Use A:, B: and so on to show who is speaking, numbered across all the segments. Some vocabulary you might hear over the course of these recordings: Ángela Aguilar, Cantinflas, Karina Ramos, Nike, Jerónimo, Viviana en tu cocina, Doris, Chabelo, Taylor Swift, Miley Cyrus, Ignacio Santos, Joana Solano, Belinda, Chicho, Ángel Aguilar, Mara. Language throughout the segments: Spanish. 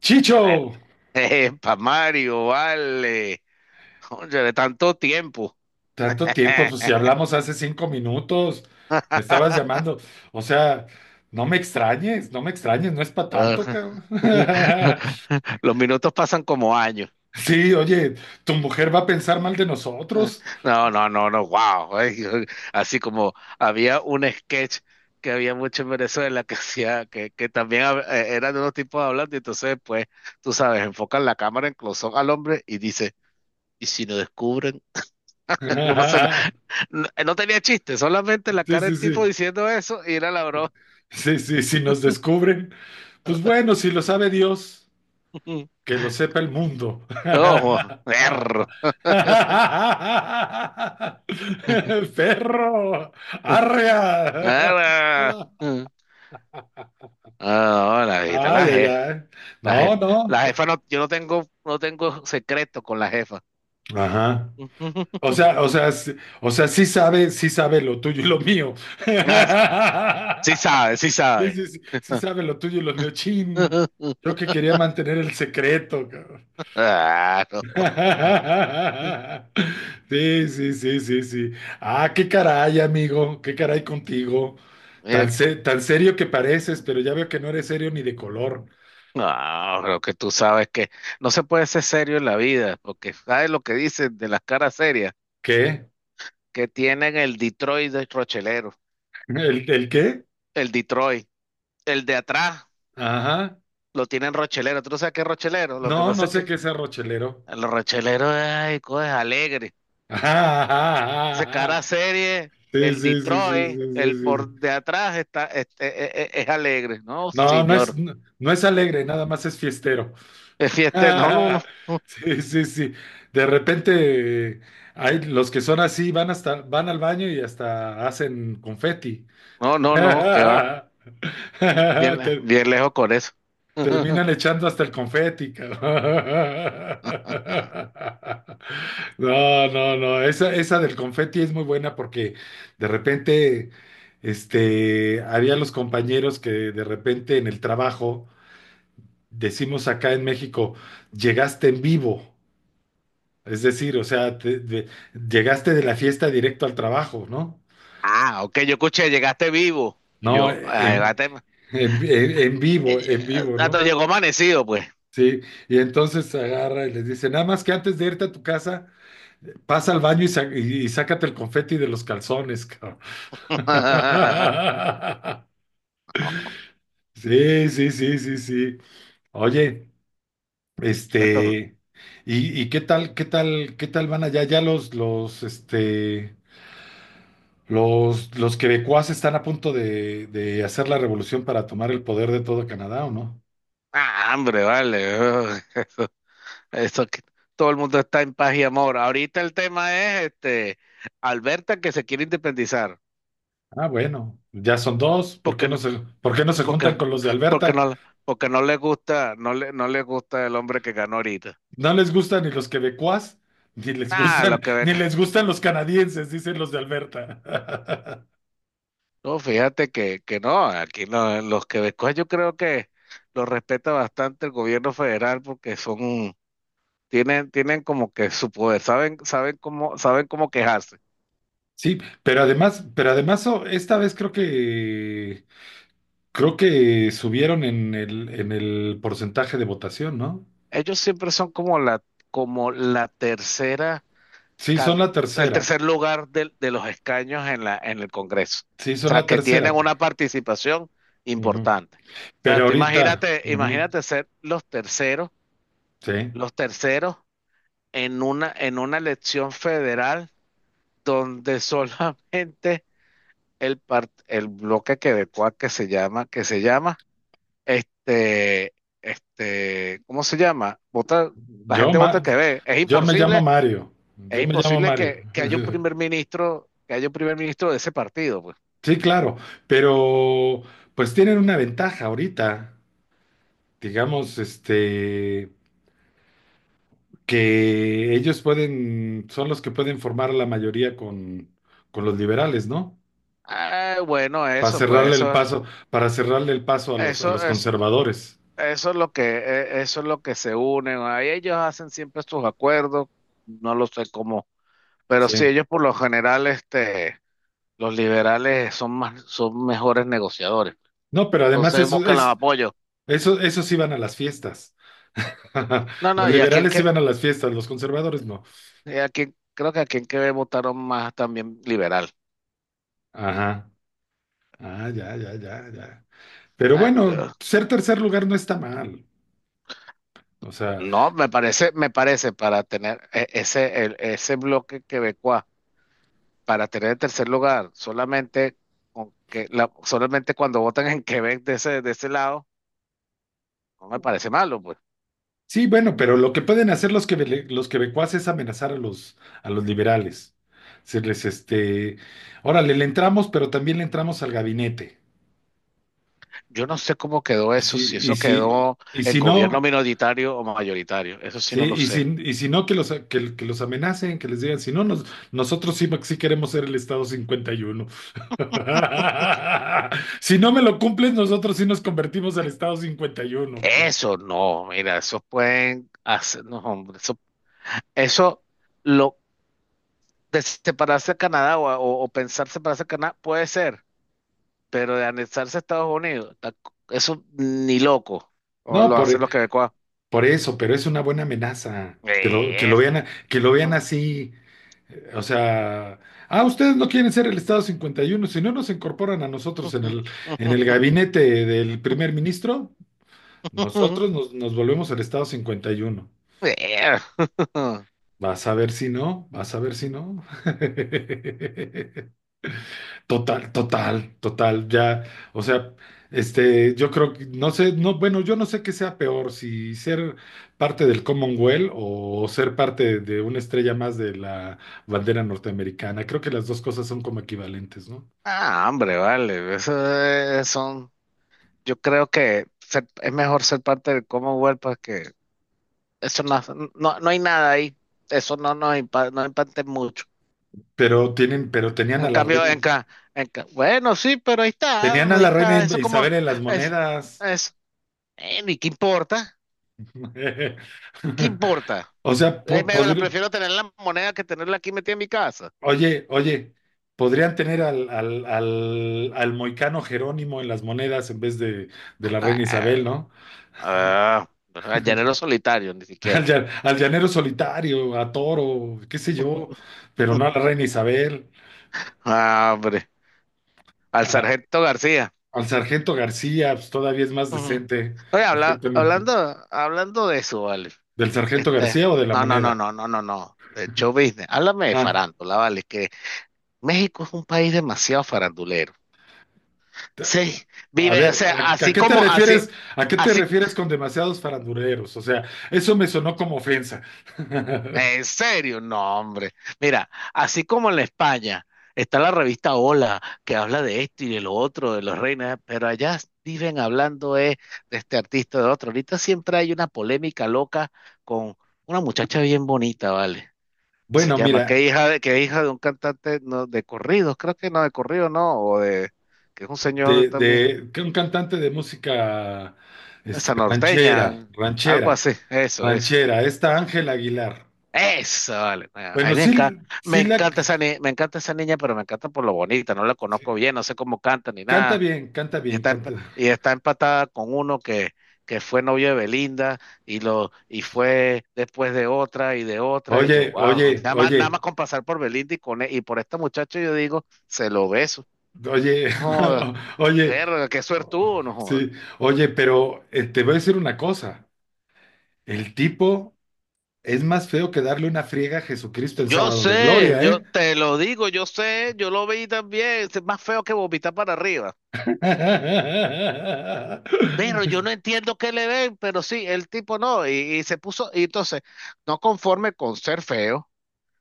A: Chicho,
B: Para Mario, vale. Oye, de tanto tiempo.
A: tanto tiempo, pues si hablamos hace cinco minutos, me estabas llamando. O sea, no me extrañes, no me extrañes, no es para tanto, cabrón.
B: Los minutos pasan como años.
A: Sí, oye, tu mujer va a pensar mal de nosotros.
B: No, no, no, no, wow. Ay, así como había un sketch que había mucho en Venezuela que hacía, que también eran unos tipos hablando, y entonces pues, tú sabes, enfocan la cámara en close al hombre y dice, ¿y si no descubren? Uno se- no, no tenía chiste, solamente la
A: Sí,
B: cara
A: sí,
B: del tipo
A: sí.
B: diciendo eso y era la broma.
A: Sí, sí, si nos descubren. Pues bueno, si lo sabe Dios, que lo sepa el mundo.
B: Ojo, perro.
A: Perro, arrea.
B: Ah, ah, la jefita,
A: Ah,
B: la
A: ya,
B: jefa,
A: ya.
B: la
A: No,
B: jefa,
A: no.
B: la jefa no, yo no tengo secreto con la jefa.
A: Ajá. O sea, o sea, sí- o sea, sí sabe lo tuyo y lo mío.
B: Ah, sí sabe, sí
A: Sí,
B: sabe.
A: sí, sí, sí sabe lo tuyo y lo mío. Chin. Yo que quería mantener el secreto, cabrón.
B: Ah, no.
A: Sí, sí, sí, sí, sí. Ah, qué caray, amigo. Qué caray contigo.
B: Eh,
A: Tan serio que pareces, pero ya veo que no eres serio ni de color.
B: No, lo que tú sabes que no se puede ser serio en la vida, porque sabes lo que dicen de las caras serias,
A: ¿Qué?
B: que tienen el Detroit de Rochelero,
A: ¿El qué?
B: el Detroit, el de atrás
A: Ajá.
B: lo tienen rochelero. ¿Tú no sabes qué es rochelero? Lo
A: No,
B: que pasa
A: no
B: es
A: sé
B: que
A: qué sea rochelero.
B: a los rocheleros, ay, cosas alegres.
A: Ajá, ajá, ajá,
B: Dice, cara
A: ajá.
B: serie,
A: Sí,
B: el
A: sí, sí, sí,
B: Detroit,
A: sí, sí,
B: el
A: sí,
B: por
A: sí.
B: de atrás está, este, es, alegre. No,
A: No,
B: señor.
A: no es alegre, nada más es fiestero.
B: Es fiesta. No, no, no.
A: Sí, sí, sí. De repente, hay los que son así, van al baño y hasta hacen confeti.
B: No, no, no, que va. Bien,
A: Te,
B: bien lejos con eso.
A: Terminan echando hasta el confeti, cabrón.
B: Ajá.
A: No, no, no. Esa del confeti es muy buena porque de repente, este, había los compañeros que de repente en el trabajo, decimos acá en México, llegaste en vivo. Es decir, o sea, llegaste de la fiesta directo al trabajo, ¿no?
B: Ah, ok, yo escuché, llegaste vivo. Y
A: No,
B: yo, ah, llegaste. Ay,
A: en vivo,
B: ah, te
A: ¿no?
B: llegó amanecido, pues.
A: Sí, y entonces agarra y les dice, nada más que antes de irte a tu casa, pasa al baño y sácate el confeti de los calzones, cabrón.
B: No,
A: Sí, sí, sí, sí, sí. Oye,
B: esto-
A: este, ¿y qué tal, qué tal, qué tal van allá? Ya este, los quebecuas están a punto de hacer la revolución para tomar el poder de todo Canadá, ¿o no?
B: ah, hambre, vale. Eso que todo el mundo está en paz y amor. Ahorita el tema es este Alberta que se quiere independizar
A: Ah, bueno, ya son dos. ¿Por qué
B: porque
A: no
B: no,
A: se, por qué no se juntan
B: porque,
A: con los de
B: porque
A: Alberta?
B: no, porque no le gusta, no le gusta el hombre que ganó ahorita.
A: No les gustan ni los quebecuas, ni les
B: Ah,
A: gustan,
B: lo que
A: ni
B: venga.
A: les gustan los canadienses, dicen los de Alberta.
B: No, fíjate que no, aquí no, los quebecos yo creo que los respeta bastante el gobierno federal porque son, tienen como que su poder, saben cómo quejarse.
A: Sí, pero además oh, esta vez creo que subieron en el porcentaje de votación, ¿no?
B: Ellos siempre son como la tercera
A: Sí,
B: ca-
A: son la
B: el
A: tercera.
B: tercer lugar de los escaños en la, en el Congreso.
A: Sí,
B: O
A: son
B: sea,
A: la
B: que tienen
A: tercera. Pa.
B: una participación
A: Ujú.
B: importante. O sea,
A: Pero
B: tú
A: ahorita,
B: imagínate,
A: ujú,
B: imagínate ser
A: sí.
B: los terceros en una elección federal donde solamente el bloque quebecuá que se llama, este, este, ¿cómo se llama? Vota, la
A: Yo
B: gente vota el
A: ma-
B: que ve. Es
A: yo me llamo
B: imposible
A: Mario. Yo me llamo Mario.
B: Que haya un primer ministro, que haya un primer ministro de ese partido, pues.
A: Sí, claro, pero pues tienen una ventaja ahorita. Digamos, este, que ellos pueden, son los que pueden formar a la mayoría con los liberales, ¿no?
B: Ah, bueno,
A: Para
B: eso, pues,
A: cerrarle el
B: eso,
A: paso, para cerrarle el paso a
B: eso
A: los
B: es,
A: conservadores.
B: eso es lo que, eso es lo que se unen. Ahí ellos hacen siempre sus acuerdos, no lo sé cómo, pero
A: Sí.
B: sí, ellos por lo general, este, los liberales son más, son mejores negociadores.
A: No, pero además
B: Entonces buscan los apoyos.
A: esos iban a las fiestas.
B: No,
A: Los
B: no, y a en
A: liberales
B: que,
A: iban a las fiestas, los conservadores no.
B: y a aquí, creo que a en que votaron más también liberal.
A: Ajá. Ah, ya, ya, ya, ya. Pero bueno,
B: Bueno,
A: ser tercer lugar no está mal. O sea,
B: no, me parece para tener ese bloque quebecuá, para tener el tercer lugar, solamente con que solamente cuando votan en Quebec de ese lado, no me parece malo, pues.
A: sí, bueno, pero lo que pueden hacer los los quebecuas es amenazar a los liberales. Decirles, este, órale, le entramos, pero también le entramos al gabinete.
B: Yo no sé cómo quedó
A: Y
B: eso,
A: si,
B: si
A: y
B: eso
A: si,
B: quedó
A: y
B: en
A: si
B: gobierno
A: no,
B: minoritario o mayoritario, eso sí
A: sí,
B: no lo sé.
A: y si no, que que los amenacen, que les digan, si no, nosotros sí, sí queremos ser el Estado cincuenta y uno. Si no me lo cumples, nosotros sí nos convertimos al Estado 51, cabrón.
B: Eso no, mira, eso pueden hacer, no, hombre, eso lo de separarse de Canadá o pensar separarse de Canadá puede ser, pero de anexarse a Estados Unidos, eso ni loco. O
A: No,
B: lo hacen los quebecuas.
A: por eso, pero es una buena amenaza. Que lo, que
B: Eh.
A: lo vean, a- que lo vean
B: Ah.
A: así. O sea, ah, ustedes no quieren ser el Estado 51, si no nos incorporan a nosotros en el gabinete del primer ministro, nosotros nos volvemos el Estado 51.
B: Eh.
A: Vas a ver si no, vas a ver si no. Total, total, total, ya, o sea, este, yo creo que, no sé, no, bueno, yo no sé qué sea peor, si ser parte del Commonwealth o ser parte de una estrella más de la bandera norteamericana, creo que las dos cosas son como equivalentes, ¿no?
B: Ah, hombre, vale. Eso son. Yo creo que es mejor ser parte del Commonwealth porque eso no, no, no hay nada ahí. Eso no nos impacta, no impacta mucho.
A: Pero
B: En cambio, en, bueno, sí, pero ahí está,
A: tenían a
B: ahí
A: la reina,
B: está. Eso como
A: Isabel en las
B: es,
A: monedas.
B: es, ¿y qué importa? ¿Qué importa?
A: O sea,
B: Ay,
A: po-
B: me la
A: podri-
B: prefiero tener en la moneda que tenerla aquí metida en mi casa.
A: Oye, oye, podrían tener al moicano Jerónimo en las monedas en vez de la reina Isabel,
B: Ah,
A: ¿no?
B: ah, al llanero solitario, ni
A: Al,
B: siquiera.
A: llan- al llanero solitario, a Toro, qué sé yo, pero no a la reina Isabel.
B: Ah, hombre, al
A: A-
B: sargento García.
A: al sargento García, pues todavía es más
B: Ujú.
A: decente,
B: Oye, habla-
A: exactamente.
B: hablando, hablando de eso, vale.
A: ¿Del sargento
B: Este,
A: García o de la
B: no, no, no,
A: moneda?
B: no, no, no, no. De show business. Háblame de
A: Ah,
B: farándula, vale. Que México es un país demasiado farandulero.
A: te-
B: Sí,
A: a
B: vive, o
A: ver,
B: sea,
A: ¿a
B: así
A: qué te
B: como, así,
A: refieres? ¿A qué te
B: así.
A: refieres con demasiados farandureros? O sea, eso me sonó como ofensa.
B: ¿En serio? No, hombre. Mira, así como en la España está la revista Hola, que habla de esto y de lo otro, de los reinas, pero allá viven hablando de este artista, de otro. Ahorita siempre hay una polémica loca con una muchacha bien bonita, ¿vale? Se
A: Bueno,
B: llama, que
A: mira.
B: hija de, que hija de un cantante no, de corridos, creo que no, de corrido no, o de, que es un señor
A: de,
B: también,
A: de que un cantante de música este,
B: esa
A: ranchera,
B: norteña, algo
A: ranchera,
B: así, eso, eso.
A: ranchera, esta Ángel Aguilar.
B: Eso, vale. Bueno, a
A: Bueno,
B: mí
A: sí,
B: me
A: sí la
B: encanta esa ni- me encanta esa niña, pero me encanta por lo bonita. No la conozco bien, no sé cómo canta ni
A: canta
B: nada.
A: bien, canta
B: Y
A: bien,
B: está, emp-
A: canta.
B: y está empatada con uno que fue novio de Belinda y y fue después de otra. Y yo,
A: Oye,
B: wow,
A: oye,
B: nada más, nada
A: oye,
B: más con pasar por Belinda y y por este muchacho yo digo, se lo beso.
A: oye,
B: No joda.
A: oye,
B: Verga, qué suertudo, no joda.
A: sí, oye, pero te voy a decir una cosa, el tipo es más feo que darle una friega a Jesucristo el
B: Yo
A: sábado de
B: sé,
A: gloria,
B: yo
A: ¿eh?
B: te lo digo, yo sé, yo lo vi también. Es más feo que vomitar para arriba. Pero yo no entiendo qué le ven, pero sí, el tipo no, y se puso, y entonces, no conforme con ser feo,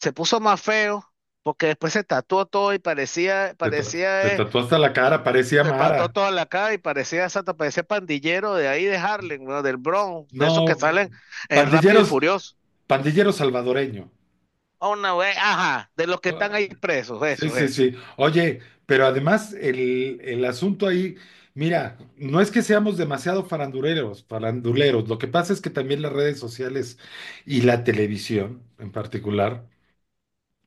B: se puso más feo, porque después se tatuó todo y
A: Te tatuó hasta la cara, parecía
B: se pató
A: Mara.
B: toda la cara y parecía, exacto, parecía pandillero de ahí de Harlem, ¿no? Del Bronx, de
A: No,
B: esos que salen en Rápido y
A: pandilleros,
B: Furioso.
A: pandillero salvadoreño.
B: Una vez, ajá, de los que están ahí presos,
A: Sí,
B: eso,
A: sí,
B: eso.
A: sí. Oye, pero además el asunto ahí, mira, no es que seamos demasiado faranduleros, faranduleros. Lo que pasa es que también las redes sociales y la televisión en particular,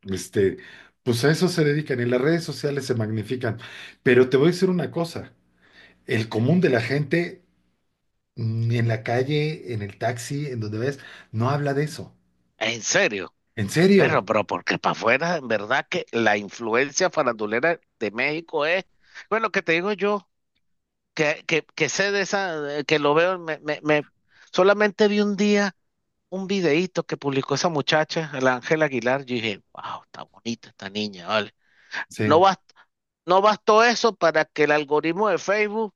A: este, pues a eso se dedican y las redes sociales se magnifican. Pero te voy a decir una cosa, el común de la gente, ni en la calle, en el taxi, en donde ves, no habla de eso.
B: ¿En serio?
A: En serio.
B: Pero porque para afuera, en verdad que la influencia farandulera de México es, bueno, que te digo yo. Que sé de esa, que lo veo, solamente vi un día un videíto que publicó esa muchacha, la Ángela Aguilar, yo dije, wow, está bonita esta niña, vale. No
A: Sí.
B: bast- no bastó eso para que el algoritmo de Facebook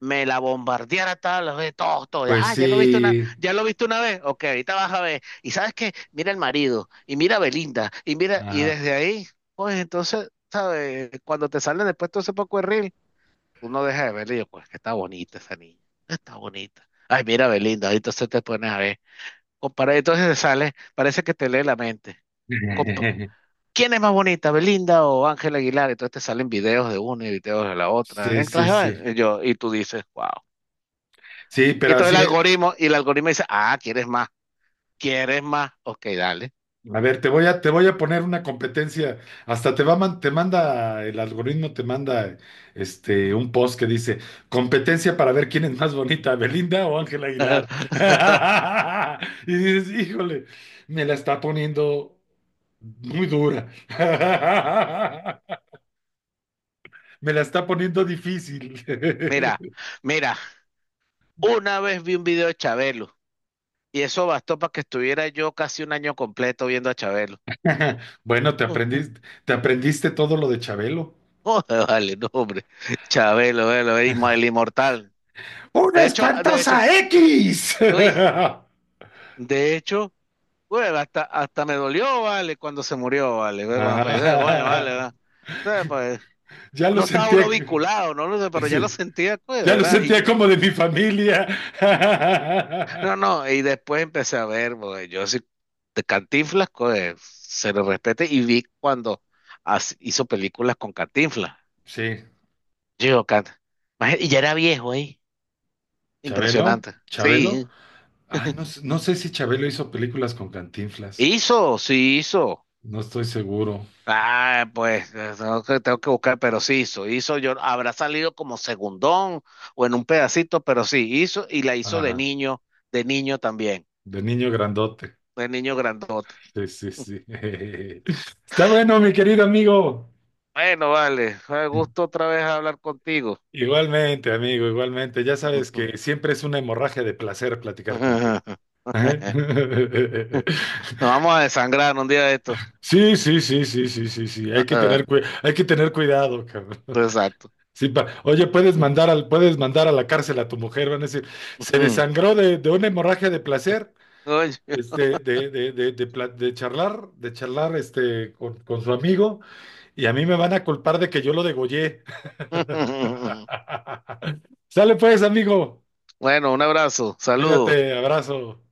B: me la bombardeara todas las veces, todo, todo,
A: Pues
B: ah,
A: sí.
B: ya lo viste una vez, ok, ahorita vas a ver, y sabes qué, mira el marido, y mira a Belinda, y mira, y
A: Ajá.
B: desde ahí, pues entonces, ¿sabes? Cuando te salen después todo ese poco de reel, uno deja de verla y yo, pues que está bonita esa niña, está bonita. Ay, mira, Belinda, ahí entonces te pones a ver. Compara, entonces te sale, parece que te lee la mente. Compa- ¿Quién es más bonita, Belinda o Ángela Aguilar? Entonces te salen videos de una y videos de la otra.
A: Sí, sí,
B: Entras a
A: sí.
B: ver, y yo, y tú dices, wow.
A: Sí,
B: Y
A: pero
B: entonces
A: así,
B: el algoritmo, y el algoritmo dice, ah, ¿quieres más? ¿Quieres más? Ok, dale.
A: a ver, te voy a poner una competencia. Hasta te va a man- te manda, el algoritmo te manda este un post que dice competencia para ver quién es más bonita, Belinda o Ángela Aguilar. Y dices, híjole, me la está poniendo muy dura. Me la está poniendo difícil.
B: Mira, mira, una vez vi un video de Chabelo y eso bastó para que estuviera yo casi un año completo viendo a Chabelo.
A: Bueno, te aprendiste, te aprendiste todo lo de Chabelo.
B: Joder, vale, no, hombre. Chabelo, velo, el inmortal.
A: ¡Una
B: De hecho,
A: espantosa X!
B: uy, de hecho, güey, hasta me dolió, vale, cuando se murió, vale, güey, cuando falleció, coño, vale,
A: Ah,
B: ¿verdad? Entonces, pues,
A: ya lo
B: no estaba
A: sentía.
B: uno vinculado, no lo sé, pero ya lo
A: Sí,
B: sentía, güey,
A: ya lo
B: ¿verdad? Y
A: sentía
B: yo-
A: como de mi familia.
B: no, no, y después empecé a ver, güey, yo sí, de Cantinflas, güey, se lo respete, y vi cuando hizo películas con Cantinflas.
A: Sí,
B: Yo, Cant, imagínate, y ya era viejo, ahí,
A: Chabelo,
B: impresionante.
A: Chabelo.
B: Sí.
A: Ay, no, no sé si Chabelo hizo películas con Cantinflas.
B: Hizo, sí hizo.
A: No estoy seguro.
B: Ah, pues tengo que buscar, pero sí hizo, yo habrá salido como segundón o en un pedacito, pero sí hizo y la hizo
A: Ajá,
B: de niño también,
A: de niño grandote.
B: de niño grandote.
A: Sí, sí, sí. Está bueno, mi querido amigo.
B: Bueno, vale, fue gusto otra vez hablar contigo.
A: Igualmente, amigo, igualmente. Ya sabes que siempre es una hemorragia de placer platicar contigo.
B: Nos
A: Ajá.
B: vamos a desangrar un día de esto.
A: Sí, sí, sí, sí, sí, sí, sí. Hay que tener cui- hay que tener cuidado, cabrón.
B: Exacto.
A: Sí, oye, puedes mandar a la cárcel a tu mujer, van a decir, se desangró de una hemorragia de placer,
B: Oye.
A: este, de charlar este, con su amigo, y a mí me van a culpar de que yo lo degollé. Sale pues, amigo.
B: Bueno, un abrazo, saludos.
A: Cuídate, abrazo.